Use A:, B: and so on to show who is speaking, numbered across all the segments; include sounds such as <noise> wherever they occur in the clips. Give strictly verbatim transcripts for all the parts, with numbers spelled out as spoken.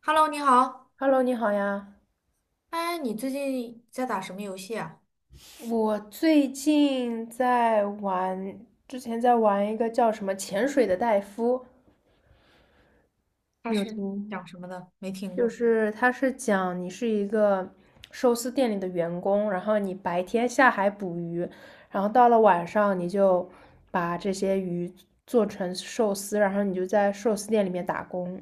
A: Hello，你好。
B: Hello，你好呀。
A: 哎，你最近在打什么游戏啊？
B: 我最近在玩，之前在玩一个叫什么《潜水的戴夫》，
A: 它
B: 你有
A: 是
B: 听？
A: 讲什么的？没听
B: 就
A: 过。
B: 是他是讲你是一个寿司店里的员工，然后你白天下海捕鱼，然后到了晚上你就把这些鱼做成寿司，然后你就在寿司店里面打工。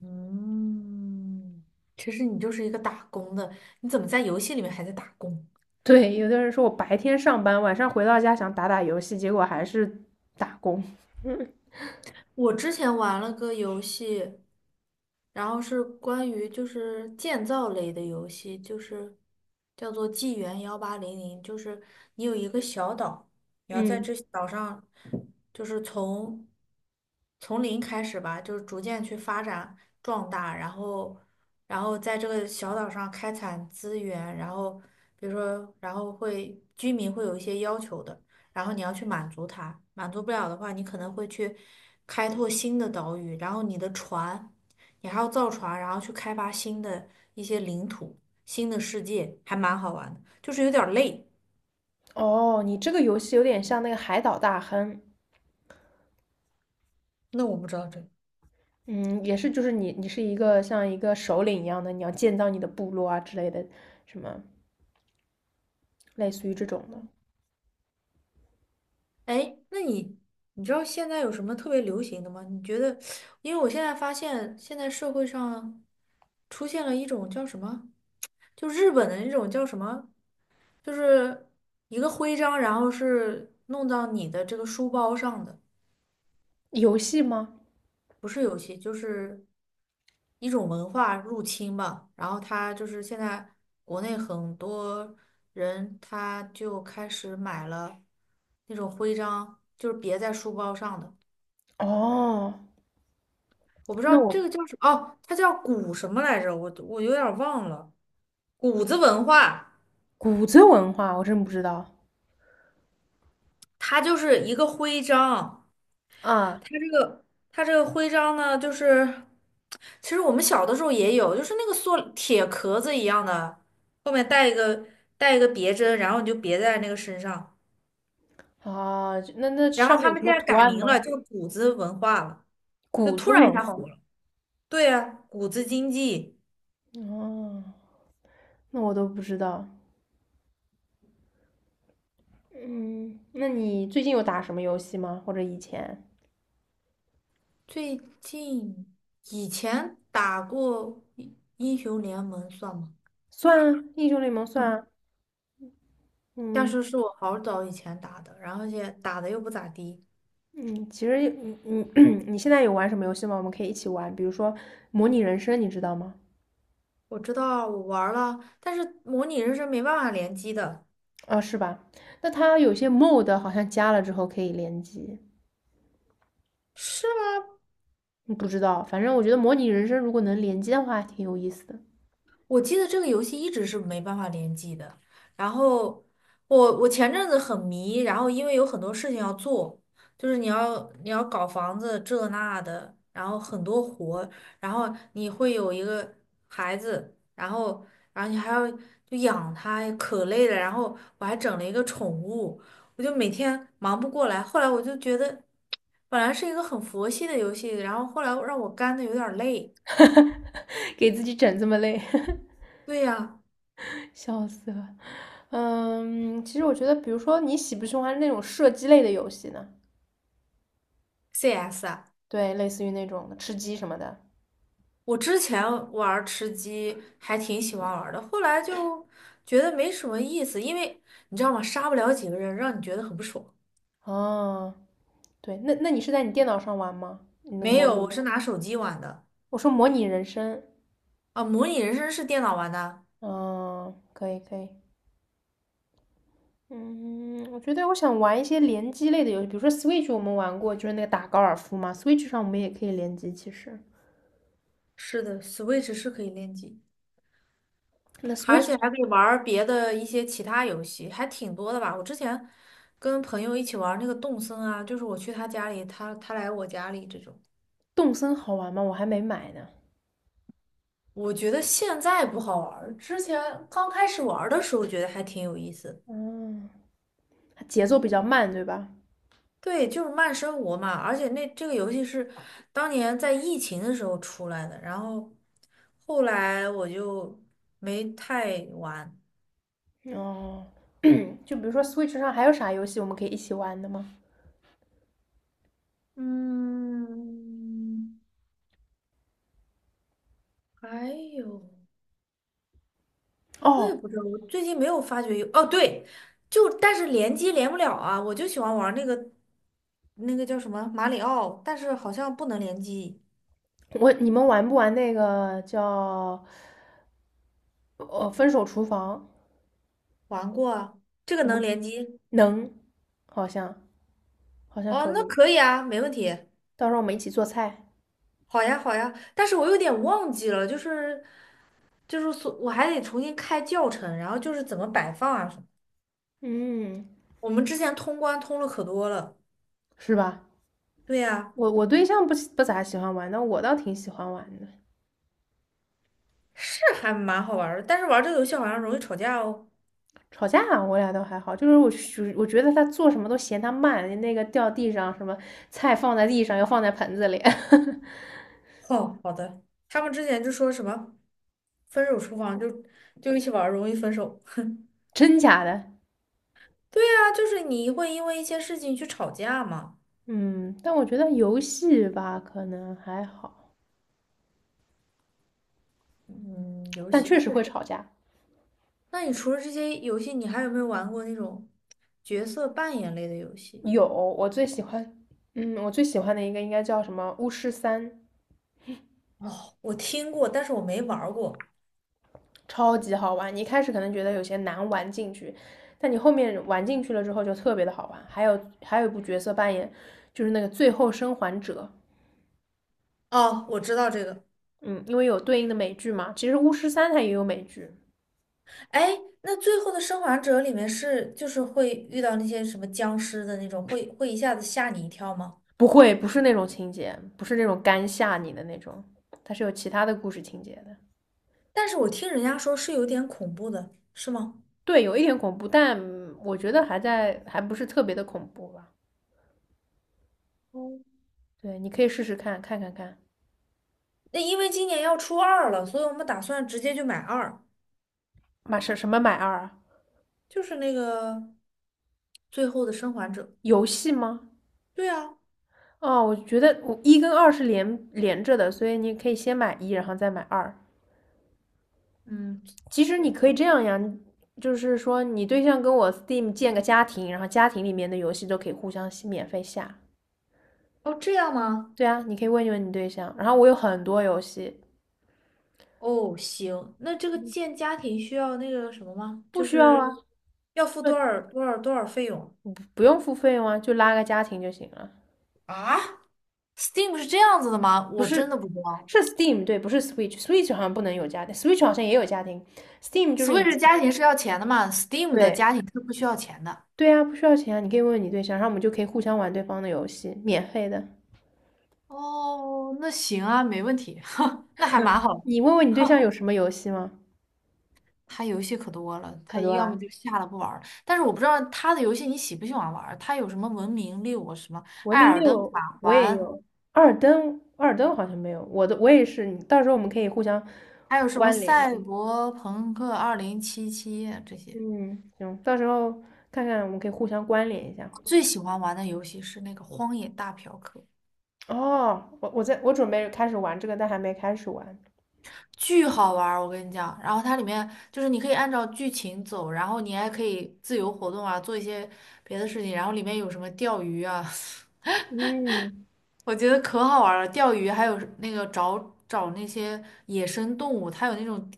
A: 嗯，其实你就是一个打工的，你怎么在游戏里面还在打工？
B: 对，有的人说我白天上班，晚上回到家想打打游戏，结果还是打工。
A: 我之前玩了个游戏，然后是关于就是建造类的游戏，就是叫做《纪元幺八零零》，就是你有一个小岛，你要在
B: 嗯。
A: 这岛上，就是从从零开始吧，就是逐渐去发展壮大，然后然后在这个小岛上开采资源，然后比如说，然后会居民会有一些要求的。然后你要去满足它，满足不了的话，你可能会去开拓新的岛屿，然后你的船，你还要造船，然后去开发新的一些领土、新的世界，还蛮好玩的，就是有点儿累。
B: 哦，你这个游戏有点像那个海岛大亨，
A: 那我不知道这个。
B: 嗯，也是，就是你你是一个像一个首领一样的，你要建造你的部落啊之类的，什么类似于这种的
A: 哎，那你你知道现在有什么特别流行的吗？你觉得，因为我现在发现现在社会上出现了一种叫什么，就日本的那种叫什么，就是一个徽章，然后是弄到你的这个书包上的。
B: 游戏吗？
A: 不是游戏，就是一种文化入侵吧。然后他就是现在国内很多人他就开始买了那种徽章，就是别在书包上的。
B: 哦，
A: 我不知道
B: 那
A: 这
B: 我
A: 个叫什么，哦，它叫古什么来着？我我有点儿忘了，谷子文化，
B: 谷子文化我真不知道
A: 它就是一个徽章。
B: 啊
A: 它这个它这个徽章呢，就是其实我们小的时候也有，就是那个塑铁壳子一样的，后面带一个带一个别针，然后你就别在那个身上。
B: 啊，那那
A: 然后
B: 上面
A: 他
B: 有什
A: 们
B: 么
A: 现在
B: 图
A: 改
B: 案
A: 名了，
B: 吗？
A: 叫谷子文化了，就
B: 谷
A: 突
B: 子
A: 然一
B: 文
A: 下
B: 化
A: 火了。对呀，啊谷子经济。
B: 哦，那我都不知道。嗯，那你最近有打什么游戏吗？或者以前？
A: 最近以前打过英英雄联盟算吗？
B: 算啊，英雄联盟算啊。
A: <laughs> 但
B: 嗯，
A: 是是我好早以前打的，然后现在打的又不咋地。
B: 嗯，其实嗯嗯，<clears throat> 你现在有玩什么游戏吗？我们可以一起玩，比如说模拟人生，你知道吗？
A: 我知道我玩儿了，但是模拟人生没办法联机的。
B: 啊，是吧？那它有些 mod 好像加了之后可以联机，
A: 是吗？
B: 嗯不知道。反正我觉得模拟人生如果能联机的话，还挺有意思的。
A: 我记得这个游戏一直是没办法联机的。然后我我前阵子很迷，然后因为有很多事情要做，就是你要你要搞房子这那的，然后很多活，然后你会有一个孩子，然后然后你还要就养他，可累了。然后我还整了一个宠物，我就每天忙不过来。后来我就觉得，本来是一个很佛系的游戏，然后后来让我干的有点儿累。
B: <laughs> 给自己整这么累，
A: 对呀
B: <laughs> 笑死了。嗯，其实我觉得，比如说你喜不喜欢那种射击类的游戏呢？
A: ，C S 啊。
B: 对，类似于那种的吃鸡什么的。
A: 我之前玩儿吃鸡还挺喜欢玩儿的，后来就觉得没什么意思，因为你知道吗？杀不了几个人，让你觉得很不爽。
B: 哦，对，那那你是在你电脑上玩吗？你那个
A: 没
B: 模
A: 有，我
B: 拟？
A: 是拿手机玩的。
B: 我说模拟人生，
A: 啊，模拟人生是电脑玩的。
B: 嗯，可以可以，嗯，我觉得我想玩一些联机类的游戏，比如说 Switch 我们玩过，就是那个打高尔夫嘛，Switch 上我们也可以联机，其实。
A: 是的，Switch 是可以联机，
B: 那
A: 而
B: Switch
A: 且还
B: 上
A: 可以玩儿别的一些其他游戏，还挺多的吧。我之前跟朋友一起玩儿那个动森啊，就是我去他家里，他他来我家里这种。
B: 动森好玩吗？我还没买呢。
A: 我觉得现在不好玩儿，之前刚开始玩儿的时候觉得还挺有意思的。
B: 嗯，它节奏比较慢，对吧？
A: 对，就是慢生活嘛，而且那这个游戏是当年在疫情的时候出来的，然后后来我就没太玩。
B: 哦，<clears throat> 就比如说 Switch 上还有啥游戏我们可以一起玩的吗？
A: 嗯，还有我也
B: 哦，
A: 不知道，我最近没有发觉有。哦，对，就但是联机连不了啊，我就喜欢玩那个那个叫什么马里奥，但是好像不能联机。
B: 我你们玩不玩那个叫呃分手厨房？
A: 玩过啊，这个
B: 我
A: 能
B: 们
A: 联机。
B: 能，好像好像
A: 哦，
B: 可
A: 那
B: 以。
A: 可以啊，没问题。
B: 到时候我们一起做菜，
A: 好呀，好呀，但是我有点忘记了，就是就是所我还得重新开教程，然后就是怎么摆放啊什么。
B: 嗯，
A: 我们之前通关通了可多了。
B: 是吧？
A: 对呀，
B: 我我对象不不咋喜欢玩，但我倒挺喜欢玩的。
A: 是还蛮好玩儿的，但是玩这个游戏好像容易吵架哦。
B: 吵架我俩倒还好，就是我就我觉得他做什么都嫌他慢，那个掉地上，什么菜放在地上要放在盆子里，<laughs>
A: 哦，好的，他们之前就说什么分手厨房就就一起玩儿容易分手。
B: 真假的？
A: 对呀，就是你会因为一些事情去吵架嘛。
B: 嗯，但我觉得游戏吧可能还好，
A: 嗯，游
B: 但
A: 戏。
B: 确实会吵架。
A: 那你除了这些游戏，你还有没有玩过那种角色扮演类的游戏？
B: 有，我最喜欢，嗯，我最喜欢的一个应该叫什么《巫师三》，
A: 哦，我听过，但是我没玩儿过。
B: 超级好玩。你一开始可能觉得有些难玩进去，但你后面玩进去了之后就特别的好玩。还有还有一部角色扮演，就是那个《最后生还者》，
A: 哦，我知道这个。
B: 嗯，因为有对应的美剧嘛。其实《巫师三》它也有美剧，
A: 哎，那最后的生还者里面是就是会遇到那些什么僵尸的那种，会会一下子吓你一跳吗？
B: 不会不是那种情节，不是那种干吓你的那种，它是有其他的故事情节的。
A: 但是我听人家说是有点恐怖的，是吗？
B: 对，有一点恐怖，但我觉得还在，还不是特别的恐怖吧。
A: 哦，
B: 对，你可以试试看看看看，
A: 那因为今年要出二了，所以我们打算直接就买二，
B: 买什什么买二啊？
A: 就是那个最后的生还者。
B: 游戏吗？
A: 对啊。
B: 哦，我觉得我一跟二是连连着的，所以你可以先买一，然后再买二。
A: 嗯。
B: 其实你
A: 我的
B: 可以这样呀，就是说你对象跟我 Steam 建个家庭，然后家庭里面的游戏都可以互相免费下。
A: 哦，这样吗？
B: 对啊，你可以问一问你对象。然后我有很多游戏
A: 哦，行，那这个建家庭需要那个什么吗？
B: 不
A: 就
B: 需要啊，
A: 是要付多少多少多少费用？
B: 不用付费用啊，就拉个家庭就行了。
A: 啊？Steam 是这样子的吗？
B: 不
A: 我真
B: 是，
A: 的不知道。
B: 是 Steam 对，不是 Switch，Switch 好像不能有家庭，Switch 好像也有家庭，Steam 就是你
A: Switch 家庭是要钱的嘛？Steam 的
B: 对
A: 家庭是不需要钱的。
B: 对啊，不需要钱啊，你可以问问你对象，然后我们就可以互相玩对方的游戏，免费的。
A: 哦，那行啊，没问题，<laughs> 那还蛮好。
B: 你问问你对象有什么游戏吗？
A: 他游戏可多了，
B: 可
A: 他
B: 多
A: 要
B: 啦，
A: 么就下了不玩儿。但是我不知道他的游戏你喜不喜欢玩儿。它有什么《文明六》什么
B: 文
A: 《艾
B: 明
A: 尔登
B: 六
A: 法
B: 我也
A: 环》，
B: 有，二登二登好像没有，我的我也是，你到时候我们可以互相
A: 还有什么
B: 关联一
A: 《赛
B: 下。
A: 博朋克二零七七》这些。
B: 嗯，行，到时候看看我们可以互相关联一下。
A: 最喜欢玩的游戏是那个《荒野大嫖客》。
B: 哦，我我在我准备开始玩这个，但还没开始玩。
A: 巨好玩儿，我跟你讲。然后它里面就是你可以按照剧情走，然后你还可以自由活动啊，做一些别的事情。然后里面有什么钓鱼啊，
B: 嗯
A: <laughs> 我觉得可好玩儿了。钓鱼还有那个找找那些野生动物，它有那种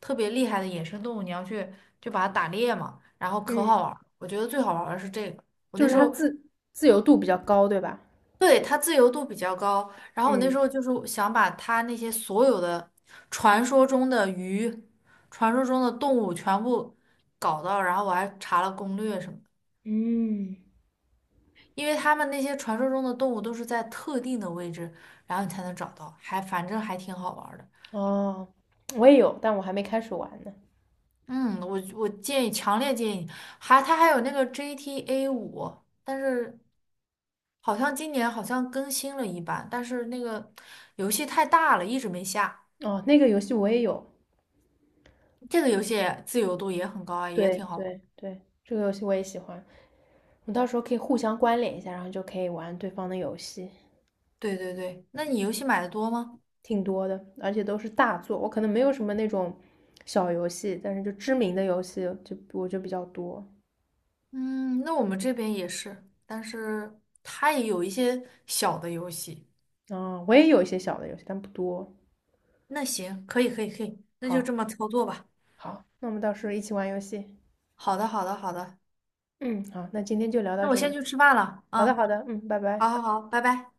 A: 特别厉害的野生动物，你要去就把它打猎嘛，然后可
B: 嗯，
A: 好玩儿。我觉得最好玩儿的是这个。我
B: 就
A: 那
B: 是
A: 时
B: 它
A: 候。
B: 自自由度比较高，对吧？
A: 对，它自由度比较高。然后我那
B: 嗯
A: 时候就是想把它那些所有的传说中的鱼、传说中的动物全部搞到，然后我还查了攻略什么的，
B: 嗯，
A: 因为他们那些传说中的动物都是在特定的位置，然后你才能找到，还反正还挺好玩儿的。
B: 哦，我也有，但我还没开始玩呢。
A: 嗯，我我建议，强烈建议，还它还有那个 G T A 五，但是好像今年好像更新了一版，但是那个游戏太大了，一直没下。
B: 哦，那个游戏我也有，
A: 这个游戏自由度也很高啊，也
B: 对
A: 挺好玩。
B: 对对，这个游戏我也喜欢。我到时候可以互相关联一下，然后就可以玩对方的游戏，
A: 对对对，那你游戏买的多吗？
B: 挺多的，而且都是大作。我可能没有什么那种小游戏，但是就知名的游戏就我就比较多。
A: 嗯，那我们这边也是，但是它也有一些小的游戏。
B: 啊，我也有一些小的游戏，但不多。
A: 那行，可以可以可以，那就
B: 好，
A: 这么操作吧。
B: 好，那我们到时候一起玩游戏。
A: 好的好的好的，
B: 嗯，好，那今天就聊到
A: 那我
B: 这
A: 先
B: 里。
A: 去吃饭了。
B: 好
A: 嗯，
B: 的，好的，嗯，拜
A: 好
B: 拜。
A: 好好，拜拜。